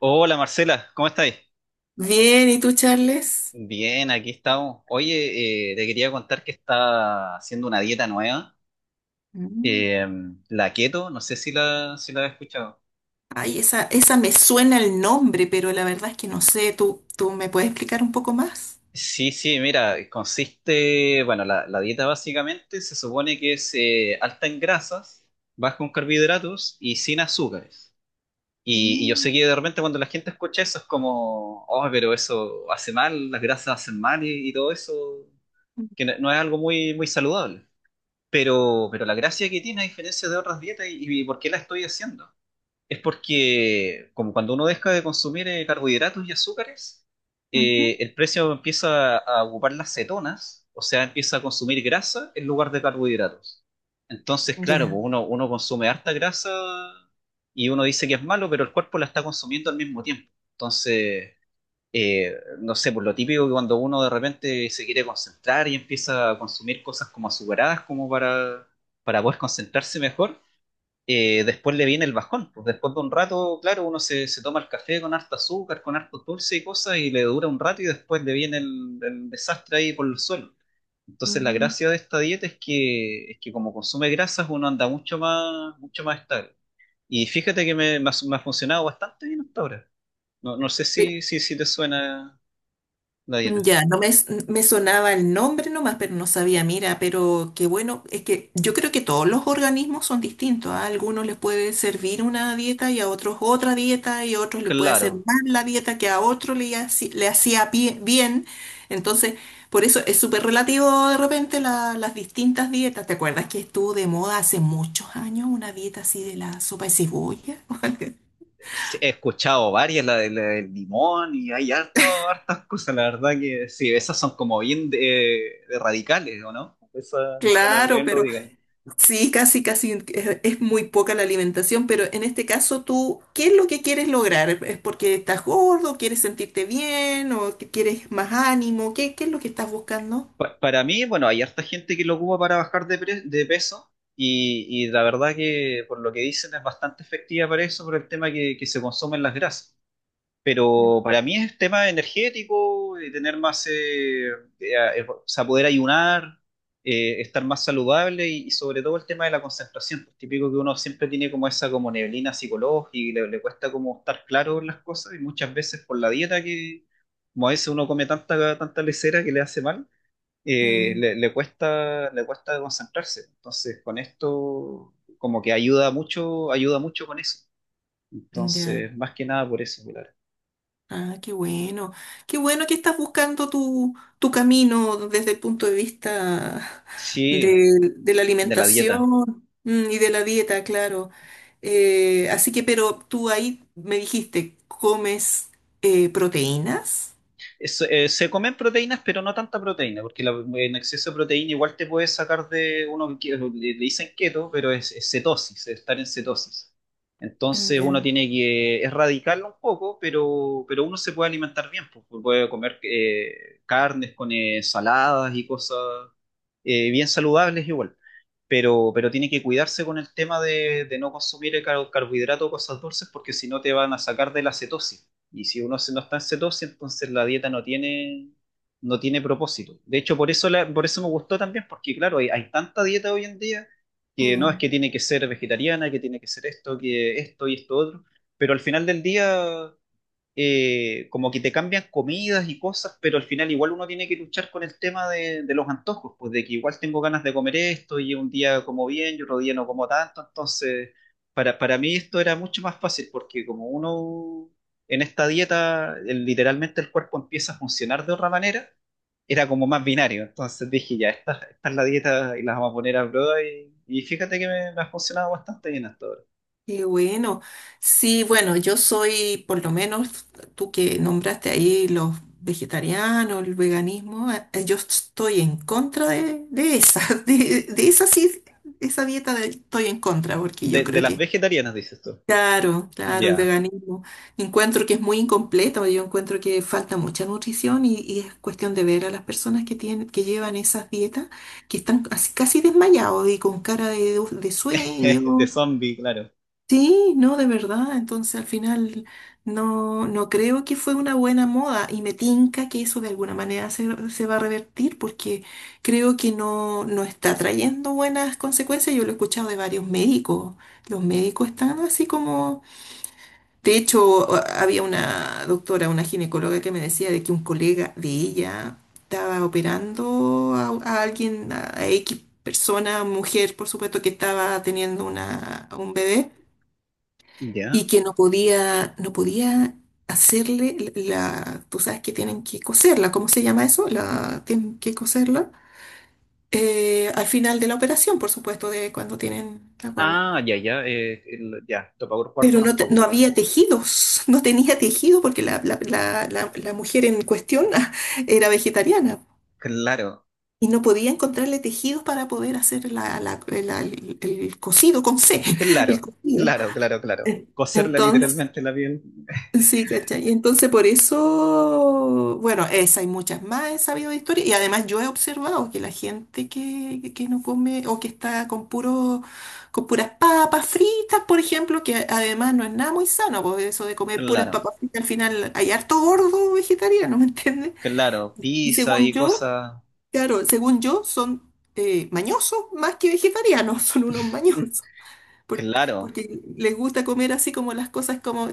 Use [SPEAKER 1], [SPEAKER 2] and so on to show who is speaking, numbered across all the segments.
[SPEAKER 1] Hola Marcela, ¿cómo estáis?
[SPEAKER 2] Bien, ¿y tú, Charles?
[SPEAKER 1] Bien, aquí estamos. Oye, te quería contar que está haciendo una dieta nueva,
[SPEAKER 2] Mm.
[SPEAKER 1] eh, la keto, no sé si la has escuchado.
[SPEAKER 2] Ay, esa me suena el nombre, pero la verdad es que no sé. ¿Tú me puedes explicar un poco más?
[SPEAKER 1] Sí, sí, mira, consiste, bueno, la dieta básicamente se supone que es alta en grasas, baja en carbohidratos y sin azúcares. Y yo sé
[SPEAKER 2] Mm.
[SPEAKER 1] que de repente cuando la gente escucha eso es como, oh, pero eso hace mal, las grasas hacen mal y todo eso, que no, no es algo muy, muy saludable. Pero la gracia que tiene, a diferencia de otras dietas, y por qué la estoy haciendo, es porque como cuando uno deja de consumir carbohidratos y azúcares,
[SPEAKER 2] Ujú.
[SPEAKER 1] el precio empieza a ocupar las cetonas, o sea, empieza a consumir grasa en lugar de carbohidratos. Entonces, claro,
[SPEAKER 2] Ya.
[SPEAKER 1] pues uno consume harta grasa y uno dice que es malo, pero el cuerpo la está consumiendo al mismo tiempo. Entonces, no sé, por lo típico que cuando uno de repente se quiere concentrar y empieza a consumir cosas como azucaradas, como para poder concentrarse mejor, después le viene el bajón. Pues después de un rato, claro, uno se toma el café con harta azúcar, con harto dulce y cosas, y le dura un rato y después le viene el desastre ahí por el suelo. Entonces la
[SPEAKER 2] Mm.
[SPEAKER 1] gracia de esta dieta es que como consume grasas uno anda mucho más estable. Y fíjate que me, me ha funcionado bastante bien hasta ahora. No, no sé
[SPEAKER 2] Sí.
[SPEAKER 1] si te suena la dieta.
[SPEAKER 2] Ya, no me, s- me sonaba el nombre nomás, pero no sabía, mira, pero qué bueno, es que yo creo que todos los organismos son distintos, ¿ah? A algunos les puede servir una dieta y a otros otra dieta y a otros le puede hacer
[SPEAKER 1] Claro.
[SPEAKER 2] mal la dieta que a otro le hacía bien. Entonces, por eso es súper relativo de repente las distintas dietas. ¿Te acuerdas que estuvo de moda hace muchos años una dieta así de la sopa de cebolla?
[SPEAKER 1] Sí, he escuchado varias, la del limón y hay harto, hartas cosas, la verdad que sí, esas son como bien de radicales, ¿o no? Esa suena algo
[SPEAKER 2] Claro,
[SPEAKER 1] bien
[SPEAKER 2] pero
[SPEAKER 1] radical.
[SPEAKER 2] Sí, casi, casi es muy poca la alimentación, pero en este caso tú, ¿qué es lo que quieres lograr? ¿Es porque estás gordo, quieres sentirte bien o que quieres más ánimo? ¿Qué es lo que estás buscando?
[SPEAKER 1] Para mí, bueno, hay harta gente que lo ocupa para bajar de, de peso y la verdad que por lo que dicen es bastante efectiva para eso, por el tema que se consumen las grasas. Pero para mí es tema energético, de tener más, o sea, poder ayunar, estar más saludable y sobre todo el tema de la concentración. Es típico que uno siempre tiene como esa como neblina psicológica y le cuesta como estar claro en las cosas y muchas veces por la dieta que, como a veces uno come tanta, tanta lesera que le hace mal,
[SPEAKER 2] Mm.
[SPEAKER 1] le, le cuesta concentrarse. Entonces, con esto como que ayuda mucho con eso.
[SPEAKER 2] Ya.
[SPEAKER 1] Entonces, más que nada por eso, claro.
[SPEAKER 2] Ah, qué bueno. Qué bueno que estás buscando tu, tu camino desde el punto de vista
[SPEAKER 1] Sí,
[SPEAKER 2] de la
[SPEAKER 1] de la dieta.
[SPEAKER 2] alimentación, y de la dieta, claro. Así que, pero tú ahí me dijiste, ¿comes proteínas?
[SPEAKER 1] Se comen proteínas, pero no tanta proteína, porque en exceso de proteína igual te puede sacar de uno que le, le dicen keto, pero es cetosis, es estar en cetosis.
[SPEAKER 2] Mm.
[SPEAKER 1] Entonces uno
[SPEAKER 2] Ya.
[SPEAKER 1] tiene que erradicarlo un poco, pero uno se puede alimentar bien, pues, pues, puede comer carnes con saladas y cosas bien saludables igual. Pero tiene que cuidarse con el tema de no consumir carbohidrato o cosas dulces, porque si no te van a sacar de la cetosis. Y si uno no está en cetosis, entonces la dieta no tiene, no tiene propósito. De hecho, por eso, por eso me gustó también, porque claro, hay tanta dieta hoy en día que no es
[SPEAKER 2] Mm.
[SPEAKER 1] que tiene que ser vegetariana, que tiene que ser esto, que esto y esto otro, pero al final del día como que te cambian comidas y cosas, pero al final igual uno tiene que luchar con el tema de los antojos, pues de que igual tengo ganas de comer esto y un día como bien y otro día no como tanto, entonces para mí esto era mucho más fácil porque como uno en esta dieta literalmente el cuerpo empieza a funcionar de otra manera, era como más binario, entonces dije ya, esta es la dieta y las vamos a poner a prueba y fíjate que me ha funcionado bastante bien hasta ahora.
[SPEAKER 2] Qué bueno. Sí, bueno, por lo menos tú que nombraste ahí los vegetarianos, el veganismo, yo estoy en contra de esa, de esa sí, esa dieta estoy en contra, porque yo
[SPEAKER 1] De
[SPEAKER 2] creo
[SPEAKER 1] las
[SPEAKER 2] que,
[SPEAKER 1] vegetarianas, dices tú.
[SPEAKER 2] claro, claro, el
[SPEAKER 1] Ya,
[SPEAKER 2] veganismo, encuentro que es muy incompleto, yo encuentro que falta mucha nutrición y es cuestión de ver a las personas que llevan esas dietas, que están casi casi desmayados y con cara de
[SPEAKER 1] de
[SPEAKER 2] sueño.
[SPEAKER 1] zombie, claro.
[SPEAKER 2] Sí, no, de verdad. Entonces, al final, no creo que fue una buena moda y me tinca que eso de alguna manera se va a revertir porque creo que no está trayendo buenas consecuencias. Yo lo he escuchado de varios médicos. Los médicos están así como... De hecho, había una doctora, una ginecóloga que me decía de que un colega de ella estaba operando a alguien, a X persona, mujer, por supuesto, que estaba teniendo un bebé y
[SPEAKER 1] Ya.
[SPEAKER 2] que no podía hacerle la, tú sabes que tienen que coserla, ¿cómo se llama eso? La, tienen que coserla al final de la operación, por supuesto, de cuando tienen la guagua.
[SPEAKER 1] Ah, ya, ya. Topagor cuarto
[SPEAKER 2] Pero no,
[SPEAKER 1] tampoco,
[SPEAKER 2] no
[SPEAKER 1] pero.
[SPEAKER 2] había tejidos, no tenía tejido porque la, la mujer en cuestión era vegetariana
[SPEAKER 1] Claro,
[SPEAKER 2] y no podía encontrarle tejidos para poder hacer el cosido con C, el
[SPEAKER 1] claro,
[SPEAKER 2] cosido.
[SPEAKER 1] claro, claro, claro.
[SPEAKER 2] Eh,
[SPEAKER 1] Coserla
[SPEAKER 2] Entonces,
[SPEAKER 1] literalmente la piel.
[SPEAKER 2] sí, ¿cachai? Entonces, por eso, bueno, esa y muchas más he sabido de historia. Y además yo he observado que la gente que no come o que está con puras papas fritas, por ejemplo, que además no es nada muy sano, porque eso de comer puras
[SPEAKER 1] Claro,
[SPEAKER 2] papas fritas, al final hay harto gordo vegetariano, ¿me entiendes?
[SPEAKER 1] claro.
[SPEAKER 2] Y
[SPEAKER 1] Pizza
[SPEAKER 2] según
[SPEAKER 1] y
[SPEAKER 2] yo,
[SPEAKER 1] cosas.
[SPEAKER 2] claro, según yo son mañosos más que vegetarianos, son unos mañosos por-
[SPEAKER 1] Claro,
[SPEAKER 2] porque, les gusta comer así como las cosas como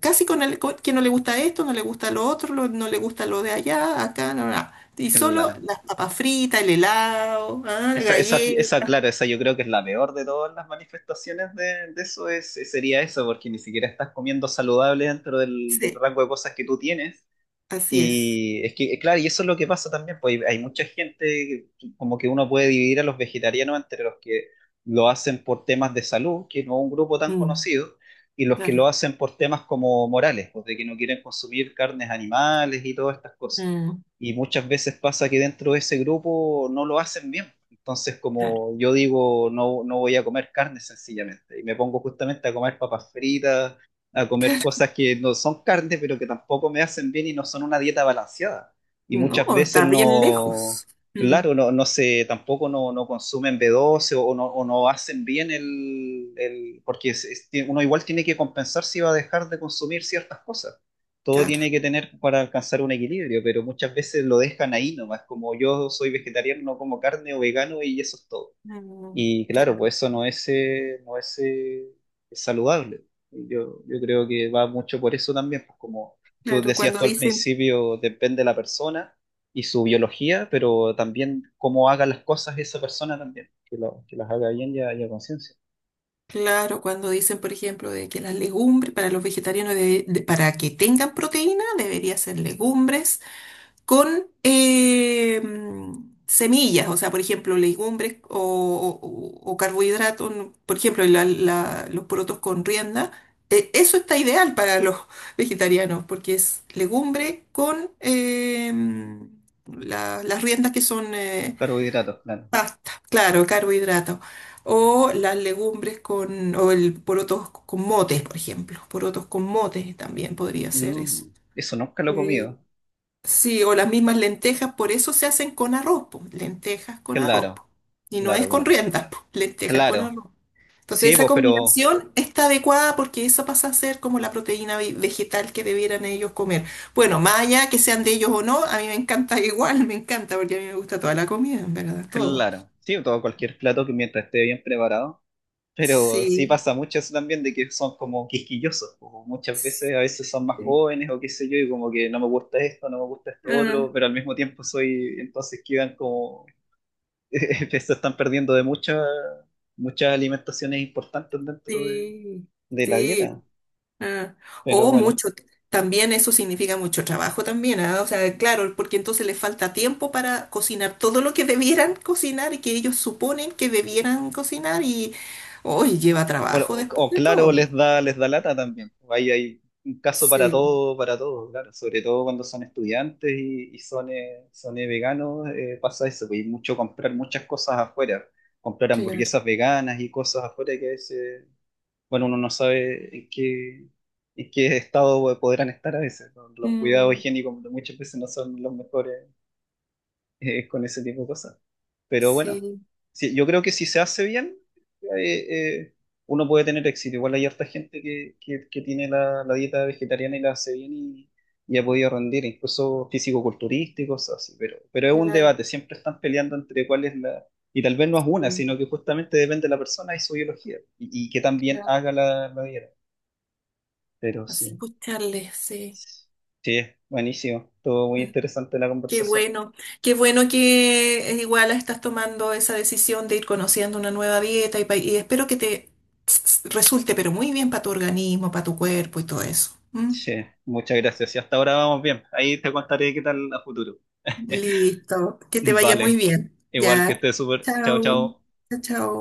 [SPEAKER 2] casi que no le gusta esto, no le gusta lo otro, no le gusta lo de allá, acá, no, no, no. Y solo
[SPEAKER 1] claro.
[SPEAKER 2] las papas fritas, el helado, ah, la
[SPEAKER 1] Esa,
[SPEAKER 2] galleta.
[SPEAKER 1] claro, esa yo creo que es la peor de todas las manifestaciones de eso, es, sería eso, porque ni siquiera estás comiendo saludable dentro del, del
[SPEAKER 2] Sí,
[SPEAKER 1] rango de cosas que tú tienes.
[SPEAKER 2] así es.
[SPEAKER 1] Y es que, claro, y eso es lo que pasa también, pues hay mucha gente, como que uno puede dividir a los vegetarianos entre los que lo hacen por temas de salud, que no es un grupo tan
[SPEAKER 2] Mm,
[SPEAKER 1] conocido, y los que lo
[SPEAKER 2] claro.
[SPEAKER 1] hacen por temas como morales, pues de que no quieren consumir carnes animales y todas estas cosas.
[SPEAKER 2] Mm,
[SPEAKER 1] Y muchas veces pasa que dentro de ese grupo no lo hacen bien. Entonces,
[SPEAKER 2] claro.
[SPEAKER 1] como yo digo, no, no voy a comer carne sencillamente, y me pongo justamente a comer papas fritas a comer
[SPEAKER 2] Claro.
[SPEAKER 1] cosas que no son carne, pero que tampoco me hacen bien y no son una dieta balanceada. Y
[SPEAKER 2] No,
[SPEAKER 1] muchas veces
[SPEAKER 2] está bien
[SPEAKER 1] no,
[SPEAKER 2] lejos. Mm,
[SPEAKER 1] claro, no, no sé, tampoco no, no consumen B12 o no hacen bien el, porque uno igual tiene que compensar si va a dejar de consumir ciertas cosas. Todo
[SPEAKER 2] claro.
[SPEAKER 1] tiene que tener para alcanzar un equilibrio, pero muchas veces lo dejan ahí nomás, como yo soy vegetariano, no como carne o vegano y eso es todo.
[SPEAKER 2] Mm,
[SPEAKER 1] Y claro,
[SPEAKER 2] claro.
[SPEAKER 1] pues eso no es, no es, saludable. Yo creo que va mucho por eso también, pues como tú
[SPEAKER 2] Claro,
[SPEAKER 1] decías
[SPEAKER 2] cuando
[SPEAKER 1] tú al
[SPEAKER 2] dicen,
[SPEAKER 1] principio, depende de la persona y su biología, pero también cómo haga las cosas esa persona también, que, que las haga bien y a conciencia.
[SPEAKER 2] claro, cuando dicen, por ejemplo, de que las legumbres para los vegetarianos, para que tengan proteína, debería ser legumbres con semillas, o sea, por ejemplo, legumbres o, o carbohidratos, ¿no? Por ejemplo, los porotos con rienda, eso está ideal para los vegetarianos, porque es legumbre con las riendas que son
[SPEAKER 1] Carbohidratos, claro.
[SPEAKER 2] pasta, claro, carbohidratos. O las legumbres con, o el porotos con motes, por ejemplo. Porotos con motes también podría ser eso.
[SPEAKER 1] Mm, eso nunca lo he
[SPEAKER 2] Eh,
[SPEAKER 1] comido.
[SPEAKER 2] Sí, o las mismas lentejas, por eso se hacen con arroz, po, lentejas con arroz,
[SPEAKER 1] Claro,
[SPEAKER 2] po. Y no es
[SPEAKER 1] claro,
[SPEAKER 2] con
[SPEAKER 1] claro.
[SPEAKER 2] riendas, po, lentejas con
[SPEAKER 1] Claro,
[SPEAKER 2] arroz. Entonces
[SPEAKER 1] sí,
[SPEAKER 2] esa
[SPEAKER 1] pues, pero
[SPEAKER 2] combinación está adecuada porque esa pasa a ser como la proteína vegetal que debieran ellos comer. Bueno, más allá que sean de ellos o no, a mí me encanta igual, me encanta porque a mí me gusta toda la comida, en verdad, todo.
[SPEAKER 1] claro. Sí, todo cualquier plato que mientras esté bien preparado. Pero sí
[SPEAKER 2] Sí,
[SPEAKER 1] pasa mucho eso también de que son como quisquillosos, como muchas
[SPEAKER 2] sí,
[SPEAKER 1] veces a veces son más jóvenes o qué sé yo, y como que no me gusta esto, no me gusta esto
[SPEAKER 2] ah,
[SPEAKER 1] otro, pero al mismo tiempo soy, entonces quedan como, se están perdiendo de muchas, muchas alimentaciones importantes dentro
[SPEAKER 2] sí,
[SPEAKER 1] de la dieta.
[SPEAKER 2] sí. Ah,
[SPEAKER 1] Pero
[SPEAKER 2] o
[SPEAKER 1] bueno,
[SPEAKER 2] mucho, también eso significa mucho trabajo también, ah. O sea, claro, porque entonces les falta tiempo para cocinar todo lo que debieran cocinar y que ellos suponen que debieran cocinar y hoy lleva
[SPEAKER 1] bueno,
[SPEAKER 2] trabajo
[SPEAKER 1] o,
[SPEAKER 2] después
[SPEAKER 1] o
[SPEAKER 2] de
[SPEAKER 1] claro,
[SPEAKER 2] todo.
[SPEAKER 1] les da lata también. Ahí hay un caso
[SPEAKER 2] Sí,
[SPEAKER 1] para todo, claro. Sobre todo cuando son estudiantes y son, son veganos, pasa eso, pues, y mucho comprar muchas cosas afuera, comprar
[SPEAKER 2] claro.
[SPEAKER 1] hamburguesas veganas y cosas afuera que a veces, bueno, uno no sabe en qué estado podrán estar a veces, ¿no? Los cuidados
[SPEAKER 2] Mm,
[SPEAKER 1] higiénicos muchas veces no son los mejores con ese tipo de cosas. Pero bueno,
[SPEAKER 2] sí,
[SPEAKER 1] sí, yo creo que si se hace bien, eh, eh, uno puede tener éxito. Igual hay harta gente que tiene la, la dieta vegetariana y la hace bien y ha podido rendir, incluso físico-culturista y cosas así. Pero es un
[SPEAKER 2] claro,
[SPEAKER 1] debate, siempre están peleando entre cuál es la... Y tal vez no es una,
[SPEAKER 2] sí,
[SPEAKER 1] sino que justamente depende de la persona y su biología, y que también
[SPEAKER 2] claro.
[SPEAKER 1] haga la, la dieta. Pero
[SPEAKER 2] Así
[SPEAKER 1] sí,
[SPEAKER 2] escucharles, sí.
[SPEAKER 1] sí, buenísimo, todo muy interesante la
[SPEAKER 2] Qué
[SPEAKER 1] conversación.
[SPEAKER 2] bueno, qué bueno que igual estás tomando esa decisión de ir conociendo una nueva dieta y espero que te resulte, pero muy bien para tu organismo, para tu cuerpo y todo eso. ¿M?
[SPEAKER 1] Sí, muchas gracias. Y hasta ahora vamos bien. Ahí te contaré qué tal a futuro.
[SPEAKER 2] Listo, que te vaya muy
[SPEAKER 1] Vale.
[SPEAKER 2] bien.
[SPEAKER 1] Igual que
[SPEAKER 2] Ya,
[SPEAKER 1] estés súper. Chao,
[SPEAKER 2] chao,
[SPEAKER 1] chao.
[SPEAKER 2] chao, chao.